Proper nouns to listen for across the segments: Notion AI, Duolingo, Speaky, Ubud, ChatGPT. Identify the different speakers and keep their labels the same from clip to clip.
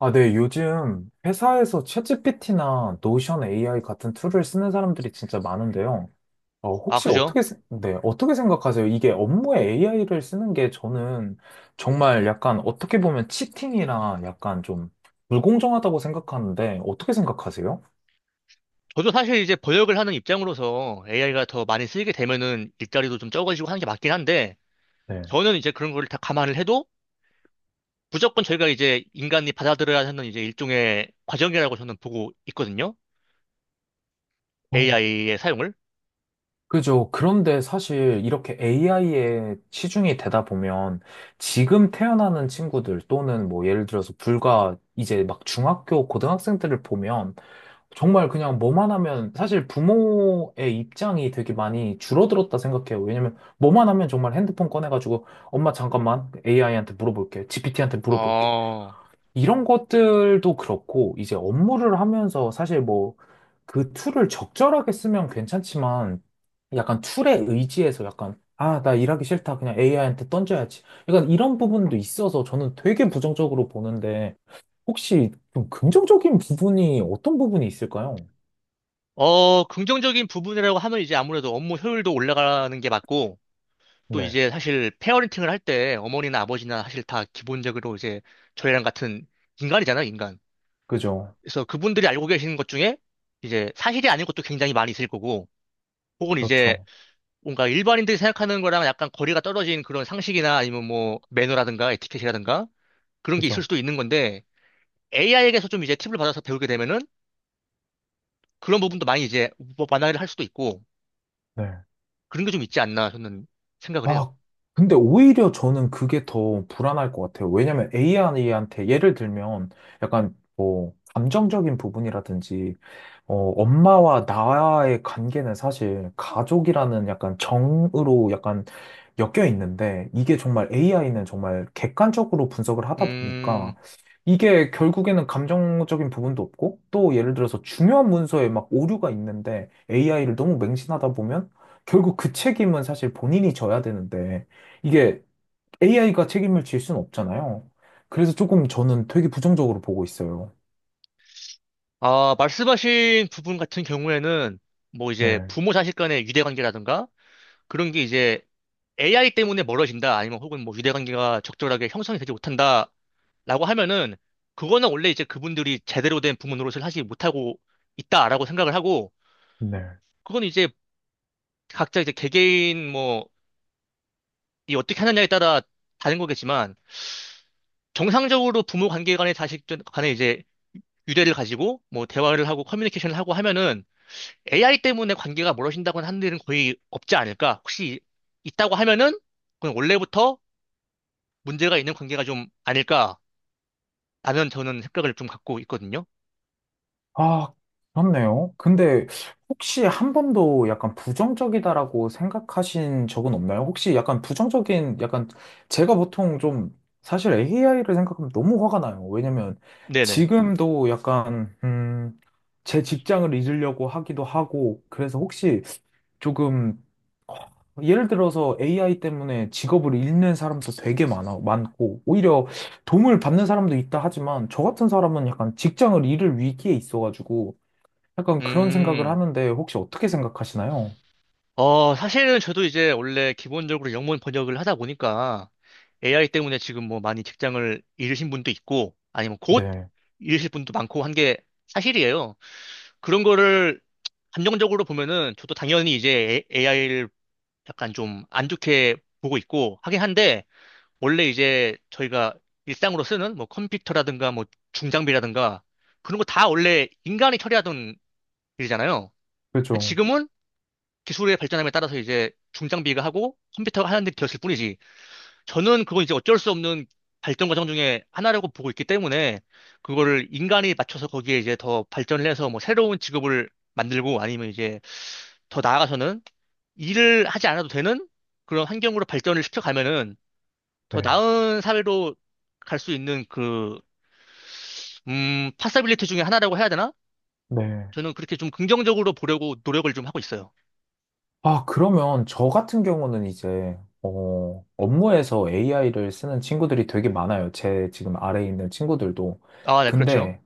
Speaker 1: 아, 네. 요즘 회사에서 챗GPT나 노션 AI 같은 툴을 쓰는 사람들이 진짜 많은데요.
Speaker 2: 아,
Speaker 1: 혹시
Speaker 2: 그죠?
Speaker 1: 어떻게, 네, 어떻게 생각하세요? 이게 업무에 AI를 쓰는 게 저는 정말 약간 어떻게 보면 치팅이라 약간 좀 불공정하다고 생각하는데 어떻게 생각하세요?
Speaker 2: 저도 사실 이제 번역을 하는 입장으로서 AI가 더 많이 쓰이게 되면은 일자리도 좀 적어지고 하는 게 맞긴 한데,
Speaker 1: 네.
Speaker 2: 저는 이제 그런 걸 다 감안을 해도 무조건 저희가 이제 인간이 받아들여야 하는 이제 일종의 과정이라고 저는 보고 있거든요.
Speaker 1: 어,
Speaker 2: AI의 사용을.
Speaker 1: 그죠. 그런데 사실 이렇게 AI에 치중이 되다 보면 지금 태어나는 친구들 또는 뭐 예를 들어서 불과 이제 막 중학교, 고등학생들을 보면 정말 그냥 뭐만 하면 사실 부모의 입장이 되게 많이 줄어들었다 생각해요. 왜냐면 뭐만 하면 정말 핸드폰 꺼내가지고 엄마 잠깐만 AI한테 물어볼게, GPT한테 물어볼게.
Speaker 2: 어,
Speaker 1: 이런 것들도 그렇고 이제 업무를 하면서 사실 뭐 그 툴을 적절하게 쓰면 괜찮지만 약간 툴에 의지해서 약간 아, 나 일하기 싫다. 그냥 AI한테 던져야지. 약간 이런 부분도 있어서 저는 되게 부정적으로 보는데 혹시 좀 긍정적인 부분이 어떤 부분이 있을까요?
Speaker 2: 긍정적인 부분이라고 하면 이제 아무래도 업무 효율도 올라가는 게 맞고, 또
Speaker 1: 네.
Speaker 2: 이제 사실 페어린팅을 할 때 어머니나 아버지나 사실 다 기본적으로 이제 저희랑 같은 인간이잖아요, 인간.
Speaker 1: 그죠.
Speaker 2: 그래서 그분들이 알고 계시는 것 중에 이제 사실이 아닌 것도 굉장히 많이 있을 거고, 혹은 이제
Speaker 1: 그렇죠.
Speaker 2: 뭔가 일반인들이 생각하는 거랑 약간 거리가 떨어진 그런 상식이나 아니면 뭐 매너라든가 에티켓이라든가 그런 게 있을
Speaker 1: 그죠.
Speaker 2: 수도 있는 건데, AI에게서 좀 이제 팁을 받아서 배우게 되면은 그런 부분도 많이 이제 뭐 완화를 할 수도 있고,
Speaker 1: 네.
Speaker 2: 그런 게 좀 있지 않나 저는 생각을 해요.
Speaker 1: 아, 근데 오히려 저는 그게 더 불안할 것 같아요. 왜냐면 AI한테 예를 들면 약간 뭐 감정적인 부분이라든지 엄마와 나와의 관계는 사실 가족이라는 약간 정으로 약간 엮여 있는데 이게 정말 AI는 정말 객관적으로 분석을 하다
Speaker 2: 음,
Speaker 1: 보니까 이게 결국에는 감정적인 부분도 없고 또 예를 들어서 중요한 문서에 막 오류가 있는데 AI를 너무 맹신하다 보면 결국 그 책임은 사실 본인이 져야 되는데 이게 AI가 책임을 질 수는 없잖아요. 그래서 조금 저는 되게 부정적으로 보고 있어요.
Speaker 2: 아, 말씀하신 부분 같은 경우에는 뭐 이제
Speaker 1: 네,
Speaker 2: 부모 자식 간의 유대 관계라든가 그런 게 이제 AI 때문에 멀어진다, 아니면 혹은 뭐 유대관계가 적절하게 형성이 되지 못한다라고 하면은, 그거는 원래 이제 그분들이 제대로 된 부모 노릇을 하지 못하고 있다라고 생각을 하고,
Speaker 1: 네.
Speaker 2: 그건 이제 각자 이제 개개인 뭐, 이 어떻게 하느냐에 따라 다른 거겠지만, 정상적으로 부모 관계 간의 자식 간에 이제 유대를 가지고 뭐 대화를 하고 커뮤니케이션을 하고 하면은 AI 때문에 관계가 멀어진다고는 하는 일은 거의 없지 않을까? 혹시 있다고 하면은, 그건 원래부터 문제가 있는 관계가 좀 아닐까? 라면 저는 생각을 좀 갖고 있거든요.
Speaker 1: 아, 그렇네요. 근데 혹시 한 번도 약간 부정적이다라고 생각하신 적은 없나요? 혹시 약간 부정적인, 약간 제가 보통 좀 사실 AI를 생각하면 너무 화가 나요. 왜냐면
Speaker 2: 네네.
Speaker 1: 지금도 약간, 제 직장을 잊으려고 하기도 하고, 그래서 혹시 조금 예를 들어서 AI 때문에 직업을 잃는 사람도 되게 많고, 오히려 도움을 받는 사람도 있다 하지만, 저 같은 사람은 약간 직장을 잃을 위기에 있어가지고, 약간 그런 생각을
Speaker 2: 음,
Speaker 1: 하는데, 혹시 어떻게 생각하시나요?
Speaker 2: 사실은 저도 이제 원래 기본적으로 영문 번역을 하다 보니까 AI 때문에 지금 뭐 많이 직장을 잃으신 분도 있고 아니면 곧
Speaker 1: 네,
Speaker 2: 잃으실 분도 많고 한 게 사실이에요. 그런 거를 감정적으로 보면은 저도 당연히 이제 AI를 약간 좀 안 좋게 보고 있고 하긴 한데 원래 이제 저희가 일상으로 쓰는 뭐 컴퓨터라든가 뭐 중장비라든가 그런 거 다 원래 인간이 처리하던 일이잖아요. 근데
Speaker 1: 그죠.
Speaker 2: 지금은 기술의 발전함에 따라서 이제 중장비가 하고 컴퓨터가 하는 일이 되었을 뿐이지. 저는 그건 이제 어쩔 수 없는 발전 과정 중에 하나라고 보고 있기 때문에 그거를 인간이 맞춰서 거기에 이제 더 발전을 해서 뭐 새로운 직업을 만들고 아니면 이제 더 나아가서는 일을 하지 않아도 되는 그런 환경으로 발전을 시켜가면은
Speaker 1: 렇
Speaker 2: 더
Speaker 1: 네,
Speaker 2: 나은 사회로 갈 수 있는 그, 파서빌리티 중에 하나라고 해야 되나?
Speaker 1: 네.
Speaker 2: 저는 그렇게 좀 긍정적으로 보려고 노력을 좀 하고 있어요.
Speaker 1: 아, 그러면 저 같은 경우는 이제, 업무에서 AI를 쓰는 친구들이 되게 많아요. 제 지금 아래에 있는 친구들도.
Speaker 2: 아, 네, 그렇죠.
Speaker 1: 근데,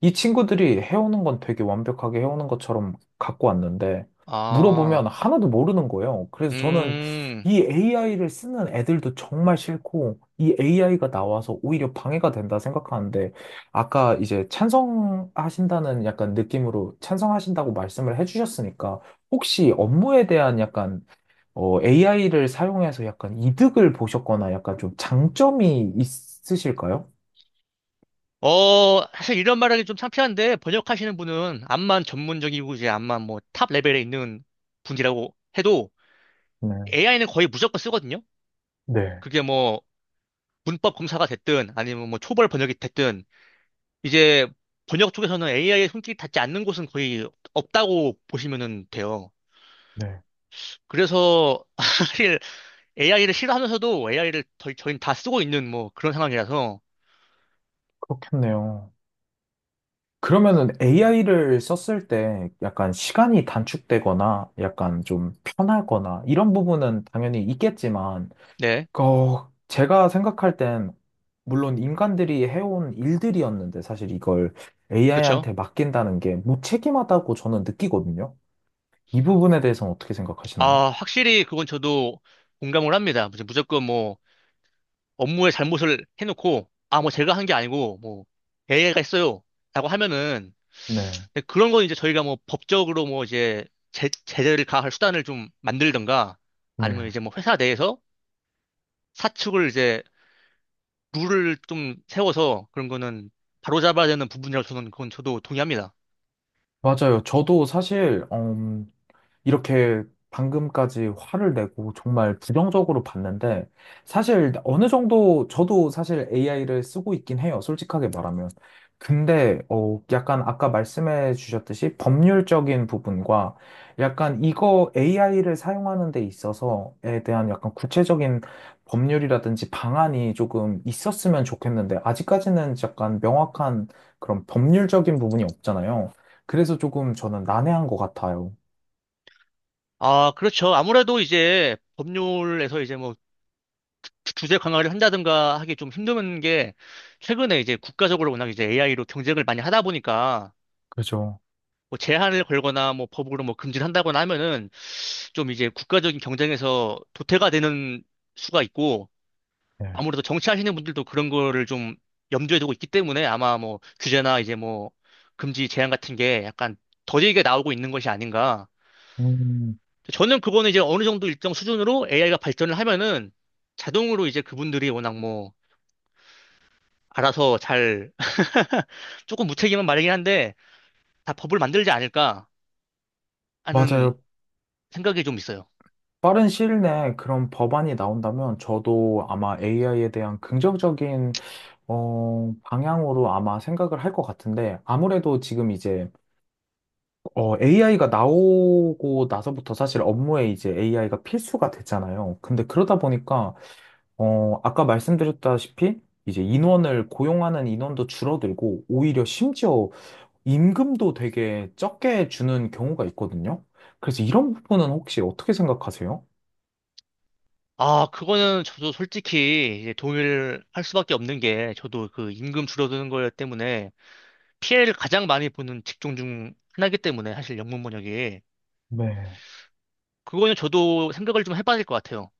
Speaker 1: 이 친구들이 해오는 건 되게 완벽하게 해오는 것처럼 갖고 왔는데, 물어보면
Speaker 2: 아,
Speaker 1: 하나도 모르는 거예요. 그래서 저는
Speaker 2: 음,
Speaker 1: 이 AI를 쓰는 애들도 정말 싫고, 이 AI가 나와서 오히려 방해가 된다 생각하는데, 아까 이제 찬성하신다는 약간 느낌으로 찬성하신다고 말씀을 해주셨으니까, 혹시 업무에 대한 약간, AI를 사용해서 약간 이득을 보셨거나 약간 좀 장점이 있으실까요?
Speaker 2: 사실 이런 말하기 좀 창피한데, 번역하시는 분은 암만 전문적이고, 이제 암만 뭐 탑 레벨에 있는 분이라고 해도
Speaker 1: 네.
Speaker 2: AI는 거의 무조건 쓰거든요?
Speaker 1: 네,
Speaker 2: 그게 뭐 문법 검사가 됐든, 아니면 뭐 초벌 번역이 됐든, 이제 번역 쪽에서는 AI의 손길이 닿지 않는 곳은 거의 없다고 보시면 돼요.
Speaker 1: 네.
Speaker 2: 그래서 사실 AI를 싫어하면서도 AI를 저희, 저희는 다 쓰고 있는 뭐 그런 상황이라서,
Speaker 1: 그렇겠네요. 그러면은 AI를 썼을 때 약간 시간이 단축되거나 약간 좀 편하거나 이런 부분은 당연히 있겠지만,
Speaker 2: 네,
Speaker 1: 제가 생각할 땐 물론 인간들이 해온 일들이었는데 사실 이걸
Speaker 2: 그렇죠.
Speaker 1: AI한테 맡긴다는 게 무책임하다고 저는 느끼거든요. 이 부분에 대해서는 어떻게 생각하시나요?
Speaker 2: 아, 확실히 그건 저도 공감을 합니다. 무조건 뭐 업무에 잘못을 해놓고 아, 뭐 제가 한 게 아니고 뭐 AI가 했어요. 라고 하면은
Speaker 1: 네,
Speaker 2: 근데 그런 건 이제 저희가 뭐 법적으로 뭐 이제 제재를 가할 수단을 좀 만들던가 아니면
Speaker 1: 네.
Speaker 2: 이제 뭐 회사 내에서 사측을 이제 룰을 좀 세워서 그런 거는 바로잡아야 되는 부분이라고 저는 그건 저도 동의합니다.
Speaker 1: 맞아요. 저도 사실, 이렇게 방금까지 화를 내고 정말 부정적으로 봤는데 사실 어느 정도 저도 사실 AI를 쓰고 있긴 해요. 솔직하게 말하면. 근데 약간 아까 말씀해 주셨듯이 법률적인 부분과 약간 이거 AI를 사용하는 데 있어서에 대한 약간 구체적인 법률이라든지 방안이 조금 있었으면 좋겠는데 아직까지는 약간 명확한 그런 법률적인 부분이 없잖아요. 그래서 조금 저는 난해한 것 같아요.
Speaker 2: 아, 그렇죠. 아무래도 이제 법률에서 이제 뭐 주제 강화를 한다든가 하기 좀 힘든 게 최근에 이제 국가적으로 워낙 이제 AI로 경쟁을 많이 하다 보니까
Speaker 1: 그죠?
Speaker 2: 뭐 제한을 걸거나 뭐 법으로 뭐 금지를 한다거나 하면은 좀 이제 국가적인 경쟁에서 도태가 되는 수가 있고
Speaker 1: 네.
Speaker 2: 아무래도 정치하시는 분들도 그런 거를 좀 염두에 두고 있기 때문에 아마 뭐 규제나 이제 뭐 금지 제한 같은 게 약간 더디게 나오고 있는 것이 아닌가.
Speaker 1: 음,
Speaker 2: 저는 그거는 이제 어느 정도 일정 수준으로 AI가 발전을 하면은 자동으로 이제 그분들이 워낙 뭐 알아서 잘 조금 무책임한 말이긴 한데 다 법을 만들지 않을까 하는
Speaker 1: 맞아요.
Speaker 2: 생각이 좀 있어요.
Speaker 1: 빠른 시일 내에 그런 법안이 나온다면 저도 아마 AI에 대한 긍정적인 방향으로 아마 생각을 할 것 같은데 아무래도 지금 이제 AI가 나오고 나서부터 사실 업무에 이제 AI가 필수가 됐잖아요. 근데 그러다 보니까 아까 말씀드렸다시피 이제 인원을 고용하는 인원도 줄어들고 오히려 심지어 임금도 되게 적게 주는 경우가 있거든요. 그래서 이런 부분은 혹시 어떻게 생각하세요?
Speaker 2: 아, 그거는 저도 솔직히 이제 동의를 할 수밖에 없는 게 저도 그 임금 줄어드는 거 때문에 피해를 가장 많이 보는 직종 중 하나이기 때문에 사실 영문 번역이
Speaker 1: 네.
Speaker 2: 그거는 저도 생각을 좀 해봐야 될 것 같아요.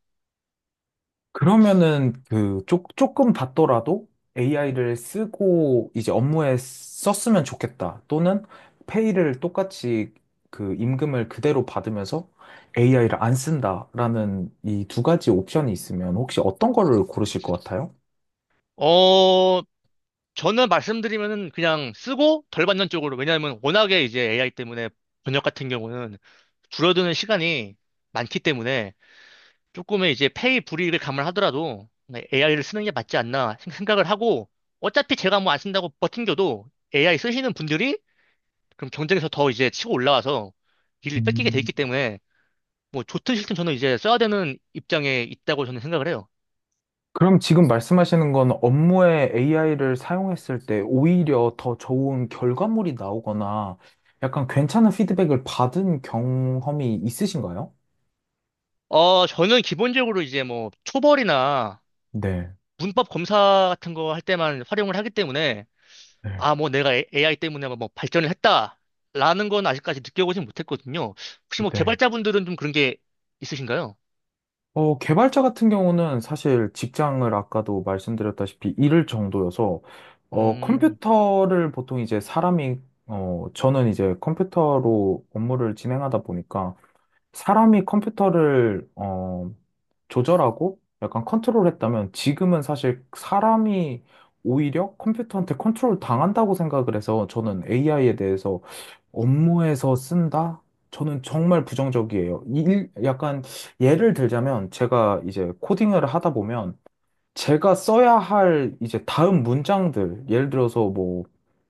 Speaker 1: 그러면은 그 조금 받더라도 AI를 쓰고 이제 업무에 썼으면 좋겠다. 또는 페이를 똑같이 그 임금을 그대로 받으면서 AI를 안 쓴다라는 이 두 가지 옵션이 있으면 혹시 어떤 거를 고르실 것 같아요?
Speaker 2: 어, 저는 말씀드리면은 그냥 쓰고 덜 받는 쪽으로 왜냐하면 워낙에 이제 AI 때문에 번역 같은 경우는 줄어드는 시간이 많기 때문에 조금의 이제 페이 불이익을 감안하더라도 AI를 쓰는 게 맞지 않나 생각을 하고 어차피 제가 뭐 안 쓴다고 버팅겨도 AI 쓰시는 분들이 그럼 경쟁에서 더 이제 치고 올라와서 일을 뺏기게 돼 있기 때문에 뭐 좋든 싫든 저는 이제 써야 되는 입장에 있다고 저는 생각을 해요.
Speaker 1: 그럼 지금 말씀하시는 건 업무에 AI를 사용했을 때 오히려 더 좋은 결과물이 나오거나 약간 괜찮은 피드백을 받은 경험이 있으신가요?
Speaker 2: 어, 저는 기본적으로 이제 뭐 초벌이나
Speaker 1: 네,
Speaker 2: 문법 검사 같은 거 할 때만 활용을 하기 때문에
Speaker 1: 네,
Speaker 2: 아, 뭐 내가 AI 때문에 뭐 발전을 했다라는 건 아직까지 느껴보진 못했거든요. 혹시 뭐
Speaker 1: 네.
Speaker 2: 개발자분들은 좀 그런 게 있으신가요?
Speaker 1: 개발자 같은 경우는 사실 직장을 아까도 말씀드렸다시피 잃을 정도여서
Speaker 2: 음,
Speaker 1: 컴퓨터를 보통 이제 사람이 저는 이제 컴퓨터로 업무를 진행하다 보니까 사람이 컴퓨터를 조절하고 약간 컨트롤했다면 지금은 사실 사람이 오히려 컴퓨터한테 컨트롤 당한다고 생각을 해서 저는 AI에 대해서 업무에서 쓴다? 저는 정말 부정적이에요. 약간 예를 들자면 제가 이제 코딩을 하다 보면 제가 써야 할 이제 다음 문장들, 예를 들어서 뭐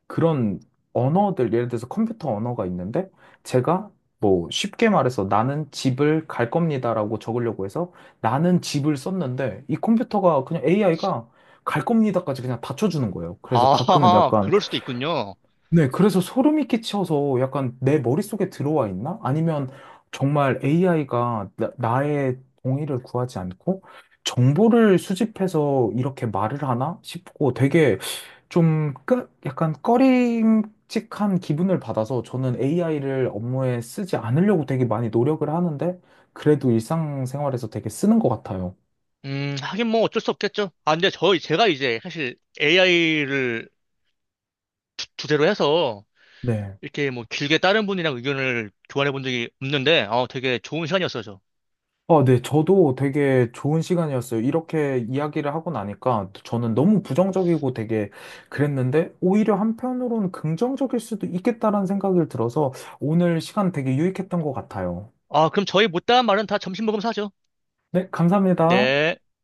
Speaker 1: 그런 언어들, 예를 들어서 컴퓨터 언어가 있는데 제가 뭐 쉽게 말해서 나는 집을 갈 겁니다라고 적으려고 해서 나는 집을 썼는데 이 컴퓨터가 그냥 AI가 갈 겁니다까지 그냥 다 쳐주는 거예요. 그래서
Speaker 2: 아,
Speaker 1: 가끔은 약간
Speaker 2: 그럴 수도 있군요.
Speaker 1: 네, 그래서 소름이 끼쳐서 약간 내 머릿속에 들어와 있나? 아니면 정말 AI가 나의 동의를 구하지 않고 정보를 수집해서 이렇게 말을 하나 싶고 되게 좀 약간 꺼림칙한 기분을 받아서 저는 AI를 업무에 쓰지 않으려고 되게 많이 노력을 하는데 그래도 일상생활에서 되게 쓰는 것 같아요.
Speaker 2: 하긴 뭐 어쩔 수 없겠죠. 아, 근데 저희, 제가 이제 사실 AI를 주제로 해서
Speaker 1: 네.
Speaker 2: 이렇게 뭐 길게 다른 분이랑 의견을 교환해 본 적이 없는데, 어, 되게 좋은 시간이었어요, 저.
Speaker 1: 아, 네, 저도 되게 좋은 시간이었어요. 이렇게 이야기를 하고 나니까 저는 너무 부정적이고 되게 그랬는데 오히려 한편으로는 긍정적일 수도 있겠다라는 생각이 들어서 오늘 시간 되게 유익했던 것 같아요.
Speaker 2: 아, 그럼 저희 못다한 말은 다 점심 먹으면서 하죠.
Speaker 1: 네, 감사합니다.
Speaker 2: 네.